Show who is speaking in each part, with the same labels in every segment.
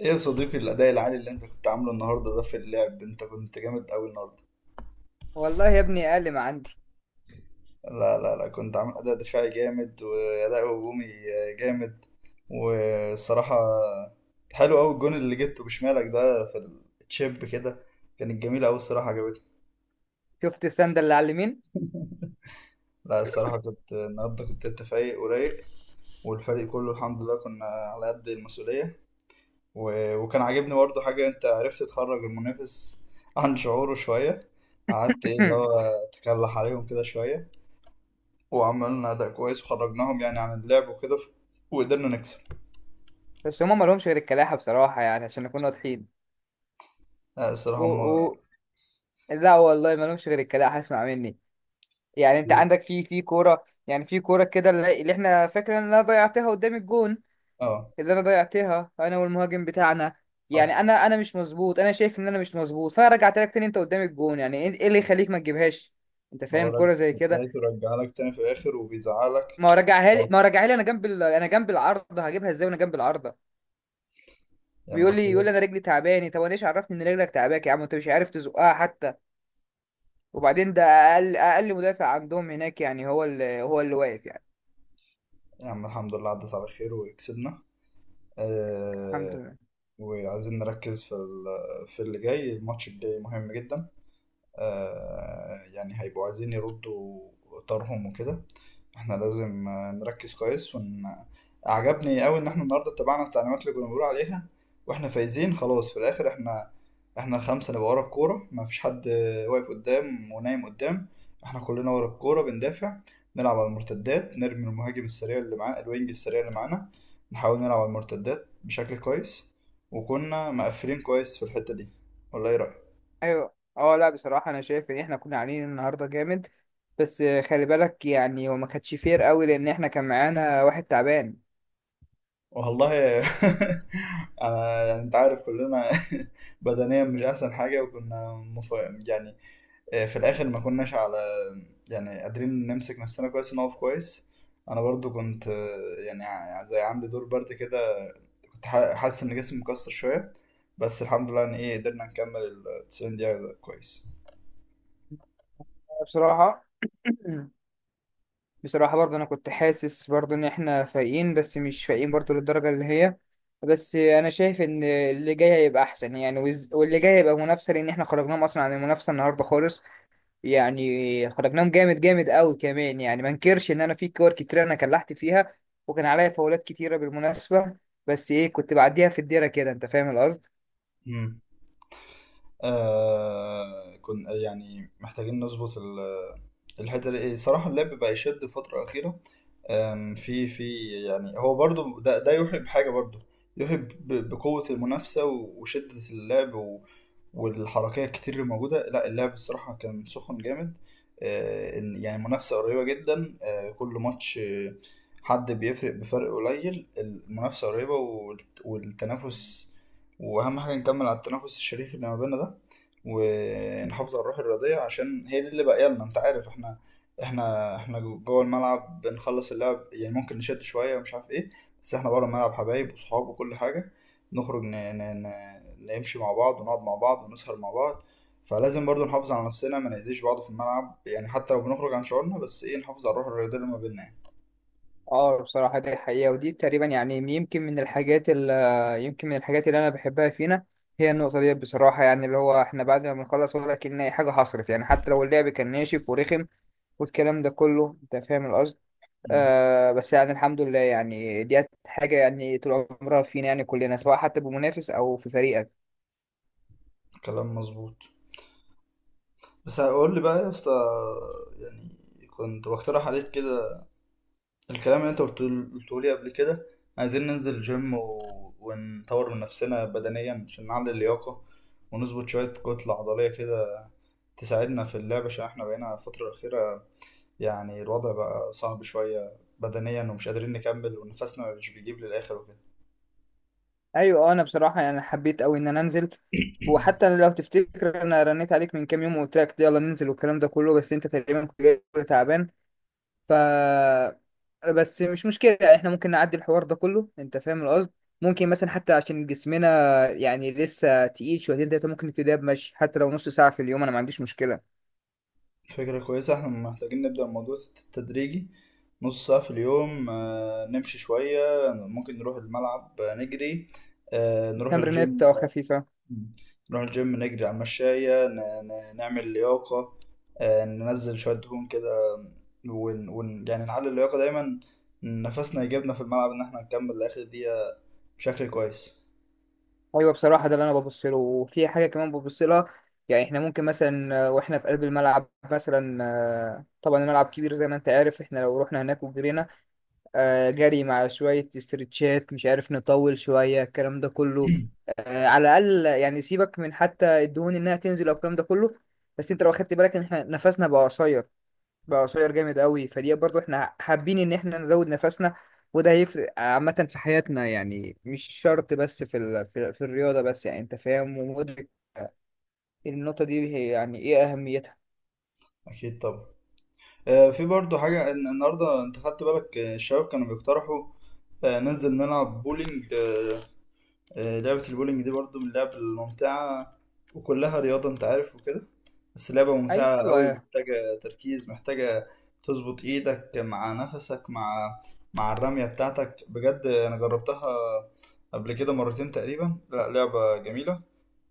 Speaker 1: ايه يا صديقي، الاداء العالي اللي انت كنت عامله النهارده ده في اللعب، انت كنت جامد قوي النهارده.
Speaker 2: والله يا ابني اقل ما عندي.
Speaker 1: لا لا لا، كنت عامل اداء دفاعي جامد واداء هجومي جامد. والصراحه حلو قوي الجون اللي جبته بشمالك ده في التشيب كده، كانت جميله قوي الصراحه، عجبتني.
Speaker 2: شفت السند اللي على اليمين؟
Speaker 1: لا الصراحه كنت النهارده، كنت انت فايق ورايق، والفريق كله الحمد لله كنا على قد المسؤوليه. و... وكان عاجبني برضه حاجه، انت عرفت تخرج المنافس عن شعوره شويه، قعدت ايه اللي هو تكلح عليهم كده شويه، وعملنا أداء كويس وخرجناهم يعني عن اللعب وكده وقدرنا نكسب.
Speaker 2: بس هما ما لهمش غير الكلاحة بصراحة، يعني عشان نكون واضحين.
Speaker 1: آه، الصراحة
Speaker 2: او
Speaker 1: هم.
Speaker 2: او لا والله ما لهمش غير الكلاحة، اسمع مني. يعني انت
Speaker 1: في.
Speaker 2: عندك في كورة، يعني في كورة كده اللي احنا فاكرين ان انا ضيعتها قدام الجون،
Speaker 1: اه
Speaker 2: اللي انا ضيعتها انا والمهاجم بتاعنا. يعني
Speaker 1: حصل.
Speaker 2: انا مش مظبوط، انا شايف ان انا مش مظبوط، فرجعت لك تاني انت قدام الجون، يعني ايه اللي يخليك ما تجيبهاش؟ انت
Speaker 1: هو
Speaker 2: فاهم
Speaker 1: ر-
Speaker 2: كورة زي كده؟
Speaker 1: لقيته رجع لك تاني في الآخر وبيزعلك.
Speaker 2: ما هو رجعها لي انا جنب انا جنب العارضة، هجيبها ازاي وانا جنب العارضة؟
Speaker 1: يلا
Speaker 2: بيقول لي يقول لي انا
Speaker 1: خير.
Speaker 2: رجلي تعباني، طب انا ايش عرفني ان رجلك تعباك يا عم؟ انت مش عارف تزقها حتى. وبعدين ده اقل مدافع عندهم هناك، يعني هو اللي واقف يعني.
Speaker 1: يا عم الحمد لله عدت على خير وكسبنا.
Speaker 2: الحمد
Speaker 1: آه.
Speaker 2: لله.
Speaker 1: وعايزين نركز في اللي جاي، الماتش الجاي مهم جدا. يعني هيبقوا عايزين يردوا طارهم وكده. احنا لازم نركز كويس عجبني قوي ان احنا النهارده اتبعنا التعليمات اللي كنا بنقول عليها، واحنا فايزين خلاص في الاخر. احنا الخمسه نبقى ورا الكوره، ما فيش حد واقف قدام ونايم قدام، احنا كلنا ورا الكوره بندافع، نلعب على المرتدات، نرمي المهاجم السريع اللي معانا، الوينج السريع اللي معانا، نحاول نلعب على المرتدات بشكل كويس، وكنا مقفلين كويس في الحته دي، ولا ايه رايك؟
Speaker 2: ايوه، اه، لا بصراحه انا شايف ان احنا كنا عاملين النهارده جامد. بس خلي بالك، يعني هو ما كانتش فير قوي لان احنا كان معانا واحد تعبان.
Speaker 1: والله انا يعني انت عارف كلنا بدنيا مش احسن حاجه، وكنا يعني، في الاخر ما كناش على يعني قادرين نمسك نفسنا كويس ونقف كويس. انا برضو كنت يعني زي عندي دور برد كده، كنت حاسس ان جسمي مكسر شويه، بس الحمد لله ان ايه قدرنا نكمل ال 90 دقيقه كويس.
Speaker 2: بصراحه. بصراحة برضه أنا كنت حاسس برضه إن إحنا فايقين، بس مش فايقين برضه للدرجة اللي هي. بس أنا شايف إن اللي جاي هيبقى أحسن، يعني واللي جاي هيبقى منافسة، لأن إحنا خرجناهم أصلا عن المنافسة النهاردة خالص. يعني خرجناهم جامد جامد أوي كمان، يعني ما انكرش إن أنا في كور كتير أنا كلحت فيها، وكان عليا فاولات كتيرة بالمناسبة. بس إيه، كنت بعديها في الديرة كده، أنت فاهم القصد.
Speaker 1: امم. كنا يعني محتاجين نظبط الحته دي، إيه، صراحه اللعب بقى يشد الفتره الاخيره. في يعني، هو برضو ده يوحي بحاجة برضو، يوحي بقوة المنافسة وشدة اللعب والحركية الكتير اللي موجودة، لا اللعب الصراحة كان سخن جامد. يعني منافسة قريبة جدا، كل ماتش حد بيفرق بفرق قليل، المنافسة قريبة، والتنافس. وأهم حاجة نكمل على التنافس الشريف اللي ما بيننا ده، ونحافظ على الروح الرياضية، عشان هي دي اللي باقية لنا. انت عارف احنا، احنا جوه الملعب بنخلص اللعب، يعني ممكن نشد شويه ومش عارف ايه، بس احنا بره الملعب حبايب وصحاب وكل حاجه، نخرج نمشي مع بعض، ونقعد مع بعض، ونسهر مع بعض، فلازم برضو نحافظ على نفسنا، ما نأذيش بعض في الملعب يعني، حتى لو بنخرج عن شعورنا بس ايه نحافظ على الروح الرياضيه اللي ما بيننا يعني.
Speaker 2: اه بصراحة دي حقيقة، ودي تقريبا يعني يمكن من الحاجات اللي أنا بحبها فينا، هي النقطة دي بصراحة. يعني اللي هو احنا بعد ما بنخلص ولا كأن أي حاجة حصلت، يعني حتى لو اللعب كان ناشف ورخم والكلام ده كله، أنت فاهم القصد.
Speaker 1: مم.
Speaker 2: آه، بس يعني الحمد لله، يعني دي حاجة يعني طول عمرها فينا، يعني كلنا سواء حتى بمنافس أو في فريقك.
Speaker 1: كلام مظبوط. بس هقول لي بقى يا اسطى، يعني كنت بقترح عليك كده الكلام اللي انت قلته، قلته لي قبل كده، عايزين ننزل جيم ونطور من نفسنا بدنيا عشان نعلي اللياقة، ونظبط شوية كتلة عضلية كده تساعدنا في اللعب، عشان احنا بقينا الفترة الأخيرة يعني الوضع بقى صعب شوية بدنيا، ومش قادرين نكمل، ونفسنا مش بيجيب للآخر وكده.
Speaker 2: أيوة، آه، أنا بصراحة يعني حبيت أوي إن أنا أنزل، وحتى لو تفتكر انا رنيت عليك من كام يوم وقلت لك يلا ننزل والكلام ده كله، بس انت تقريبا كنت جاي تعبان. ف بس مش مشكلة، احنا ممكن نعدي الحوار ده كله، انت فاهم القصد. ممكن مثلا حتى عشان جسمنا يعني لسه تقيل شويتين تلاتة، ممكن نبتدي بمشي حتى لو نص ساعة في اليوم، انا ما عنديش مشكلة.
Speaker 1: فكرة كويسة، احنا محتاجين نبدأ الموضوع تدريجي، نص ساعة في اليوم، نمشي شوية، ممكن نروح الملعب نجري، نروح الجيم.
Speaker 2: تمرينات خفيفة.
Speaker 1: مم. نروح الجيم، نجري على المشاية، نعمل لياقة، ننزل شوية دهون كده، يعني نعلي اللياقة دايما، نفسنا يجيبنا في الملعب إن احنا نكمل لآخر دقيقة بشكل كويس.
Speaker 2: ايوه بصراحة ده اللي انا ببص له، وفي حاجة كمان ببص لها. يعني احنا ممكن مثلا واحنا في قلب الملعب مثلا، آه، طبعا الملعب كبير زي ما انت عارف، احنا لو رحنا هناك وجرينا، آه، جري مع شوية استرتشات، مش عارف نطول شوية الكلام ده كله، آه، على الأقل يعني سيبك من حتى الدهون إنها تنزل أو الكلام ده كله. بس أنت لو أخدت بالك إن إحنا نفسنا بقى قصير، بقى قصير جامد قوي، فدي برضو إحنا حابين إن إحنا نزود نفسنا. وده هيفرق عامة في حياتنا، يعني مش شرط بس في في الرياضة بس، يعني أنت فاهم ومدرك النقطة دي، هي يعني إيه أهميتها.
Speaker 1: أكيد طبعا. في برضو حاجة، النهاردة أنت خدت بالك الشباب كانوا بيقترحوا ننزل نلعب بولينج. لعبة البولينج دي برضو من اللعب الممتعة، وكلها رياضة أنت عارف وكده. بس لعبة ممتعة قوي،
Speaker 2: أيوة.
Speaker 1: محتاجة تركيز، محتاجة تظبط ايدك مع نفسك مع الرمية بتاعتك. بجد انا جربتها قبل كده مرتين تقريبا، لا لعبة جميلة،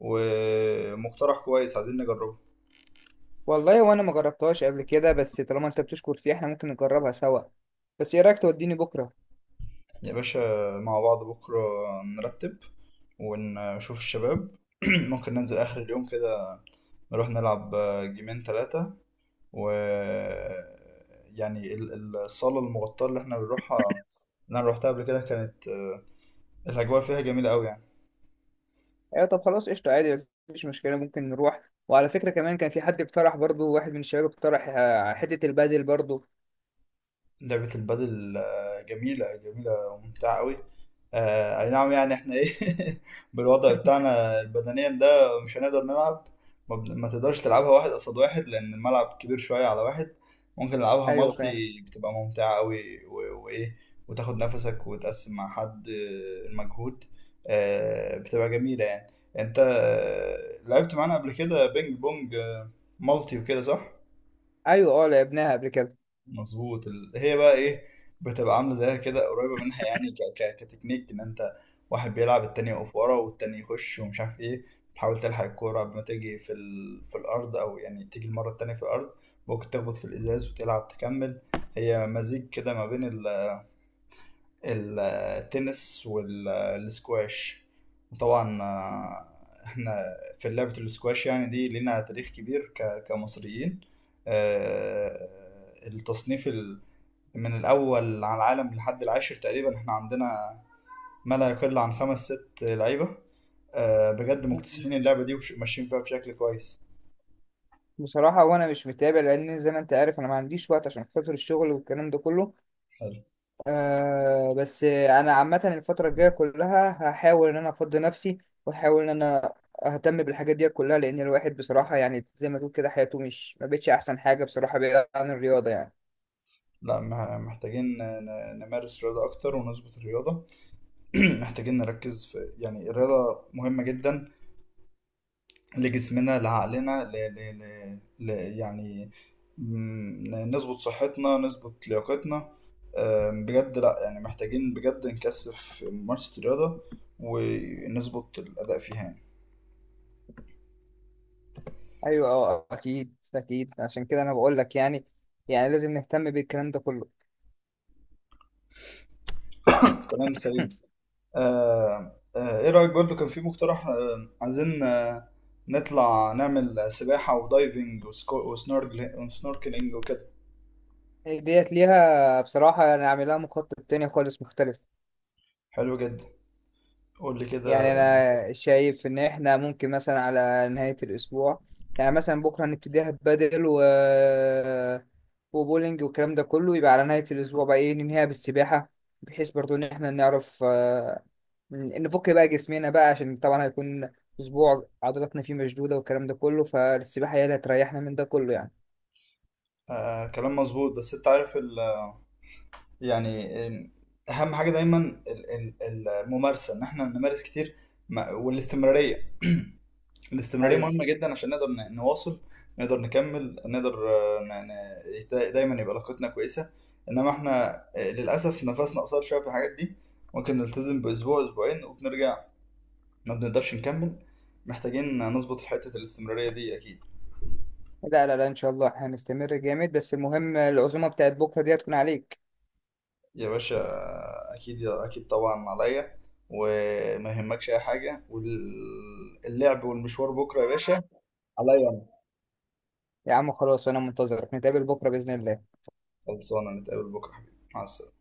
Speaker 1: ومقترح كويس عايزين نجربه.
Speaker 2: والله وانا ما جربتهاش قبل كده، بس طالما انت بتشكر فيها احنا ممكن نجربها سوا. بس ايه رايك توديني بكره؟
Speaker 1: يا باشا، مع بعض بكرة نرتب، ونشوف الشباب. ممكن ننزل آخر اليوم كده نروح نلعب جيمين ثلاثة و يعني الصالة المغطاة اللي احنا بنروحها، اللي انا روحتها قبل كده، كانت الأجواء فيها جميلة أوي يعني.
Speaker 2: ايوه طب خلاص، قشطه عادي مفيش مشكله، ممكن نروح. وعلى فكره كمان كان في حد اقترح برضو، واحد من الشباب اقترح آه، حته البادل برضو.
Speaker 1: لعبة البادل جميلة جميلة وممتعة أوي. أي نعم يعني، إحنا إيه بالوضع بتاعنا بدنيا ده مش هنقدر نلعب. ما تقدرش تلعبها واحد قصاد واحد، لأن الملعب كبير شوية على واحد، ممكن نلعبها
Speaker 2: ايوه فاهم.
Speaker 1: مالتي، بتبقى ممتعة أوي وإيه وتاخد نفسك وتقسم مع حد المجهود، بتبقى جميلة يعني. أنت لعبت معانا قبل كده بينج بونج مالتي وكده صح؟
Speaker 2: ايوه اه لعبناها قبل كده.
Speaker 1: مظبوط. هي بقى ايه، بتبقى عامله زيها كده قريبه منها يعني، كتكنيك ان انت واحد بيلعب التاني يقف ورا والتاني يخش ومش عارف ايه، تحاول تلحق الكوره قبل ما تيجي في الارض، او يعني تيجي المره التانيه في الارض، ممكن تخبط في الازاز وتلعب تكمل. هي مزيج كده ما بين ال- التنس والسكواش. وطبعا احنا في لعبه السكواش يعني دي لنا تاريخ كبير كمصريين. آه، التصنيف من الأول على العالم لحد العاشر تقريبا، احنا عندنا ما لا يقل عن خمس ست لعيبة، بجد
Speaker 2: مم.
Speaker 1: مكتسحين اللعبة دي وماشيين فيها بشكل كويس.
Speaker 2: بصراحه وانا مش متابع، لان زي ما انت عارف انا ما عنديش وقت عشان خاطر الشغل والكلام ده كله.
Speaker 1: حلو.
Speaker 2: آه بس انا عامه الفتره الجايه كلها هحاول ان انا افضي نفسي، واحاول ان انا اهتم بالحاجات دي كلها، لان الواحد بصراحه يعني زي ما تقول كده حياته مش ما بقتش احسن حاجه بصراحه بعيد عن الرياضه يعني.
Speaker 1: لا محتاجين نمارس رياضة أكتر ونظبط الرياضة. محتاجين نركز في يعني الرياضة مهمة جدا لجسمنا، لعقلنا، ل... يعني نظبط صحتنا، نظبط لياقتنا. بجد لا يعني محتاجين بجد نكثف ممارسة الرياضة ونظبط الأداء فيها يعني.
Speaker 2: ايوه اه اكيد اكيد، عشان كده انا بقول لك، يعني يعني لازم نهتم بالكلام ده كله.
Speaker 1: كلام سليم. آم، آه، ايه رأيك برضو، كان في مقترح عايزين نطلع نعمل سباحة ودايفنج وسنوركلينج وكده.
Speaker 2: ديت ليها، بصراحه انا عاملها مخطط تاني خالص مختلف.
Speaker 1: حلو جدا، قول لي
Speaker 2: يعني
Speaker 1: كده.
Speaker 2: انا شايف ان احنا ممكن مثلا على نهاية الاسبوع، يعني مثلا بكرة هنبتديها بدل و وبولينج والكلام ده كله، يبقى على نهاية الاسبوع بقى ايه ننهيها بالسباحة، بحيث برضو ان احنا نعرف آه، نفك بقى جسمنا بقى، عشان طبعا هيكون اسبوع عضلاتنا فيه مشدودة والكلام ده كله، فالسباحة هي اللي هتريحنا من ده كله يعني.
Speaker 1: كلام مظبوط بس انت عارف يعني، اهم حاجه دايما ال- الممارسه، ان احنا نمارس كتير، والاستمراريه، الاستمراريه
Speaker 2: ايوه.
Speaker 1: مهمه جدا عشان نقدر نواصل، نقدر نكمل، نقدر دايما يبقى علاقتنا كويسه. انما احنا للاسف نفسنا قصير شويه في الحاجات دي، ممكن نلتزم باسبوع اسبوعين وبنرجع، ما بنقدرش نكمل، محتاجين نظبط حته الاستمراريه دي اكيد.
Speaker 2: لا لا لا ان شاء الله هنستمر جامد، بس المهم العزومة بتاعت بكرة دي هتكون عليك.
Speaker 1: يا باشا، اكيد اكيد طبعا عليا، وما يهمكش اي حاجه، واللعب والمشوار بكره يا باشا عليا انا.
Speaker 2: يا عم خلاص وانا منتظرك، نتقابل بكرة بإذن الله.
Speaker 1: خلصانه، نتقابل بكره حبيبي، مع السلامه.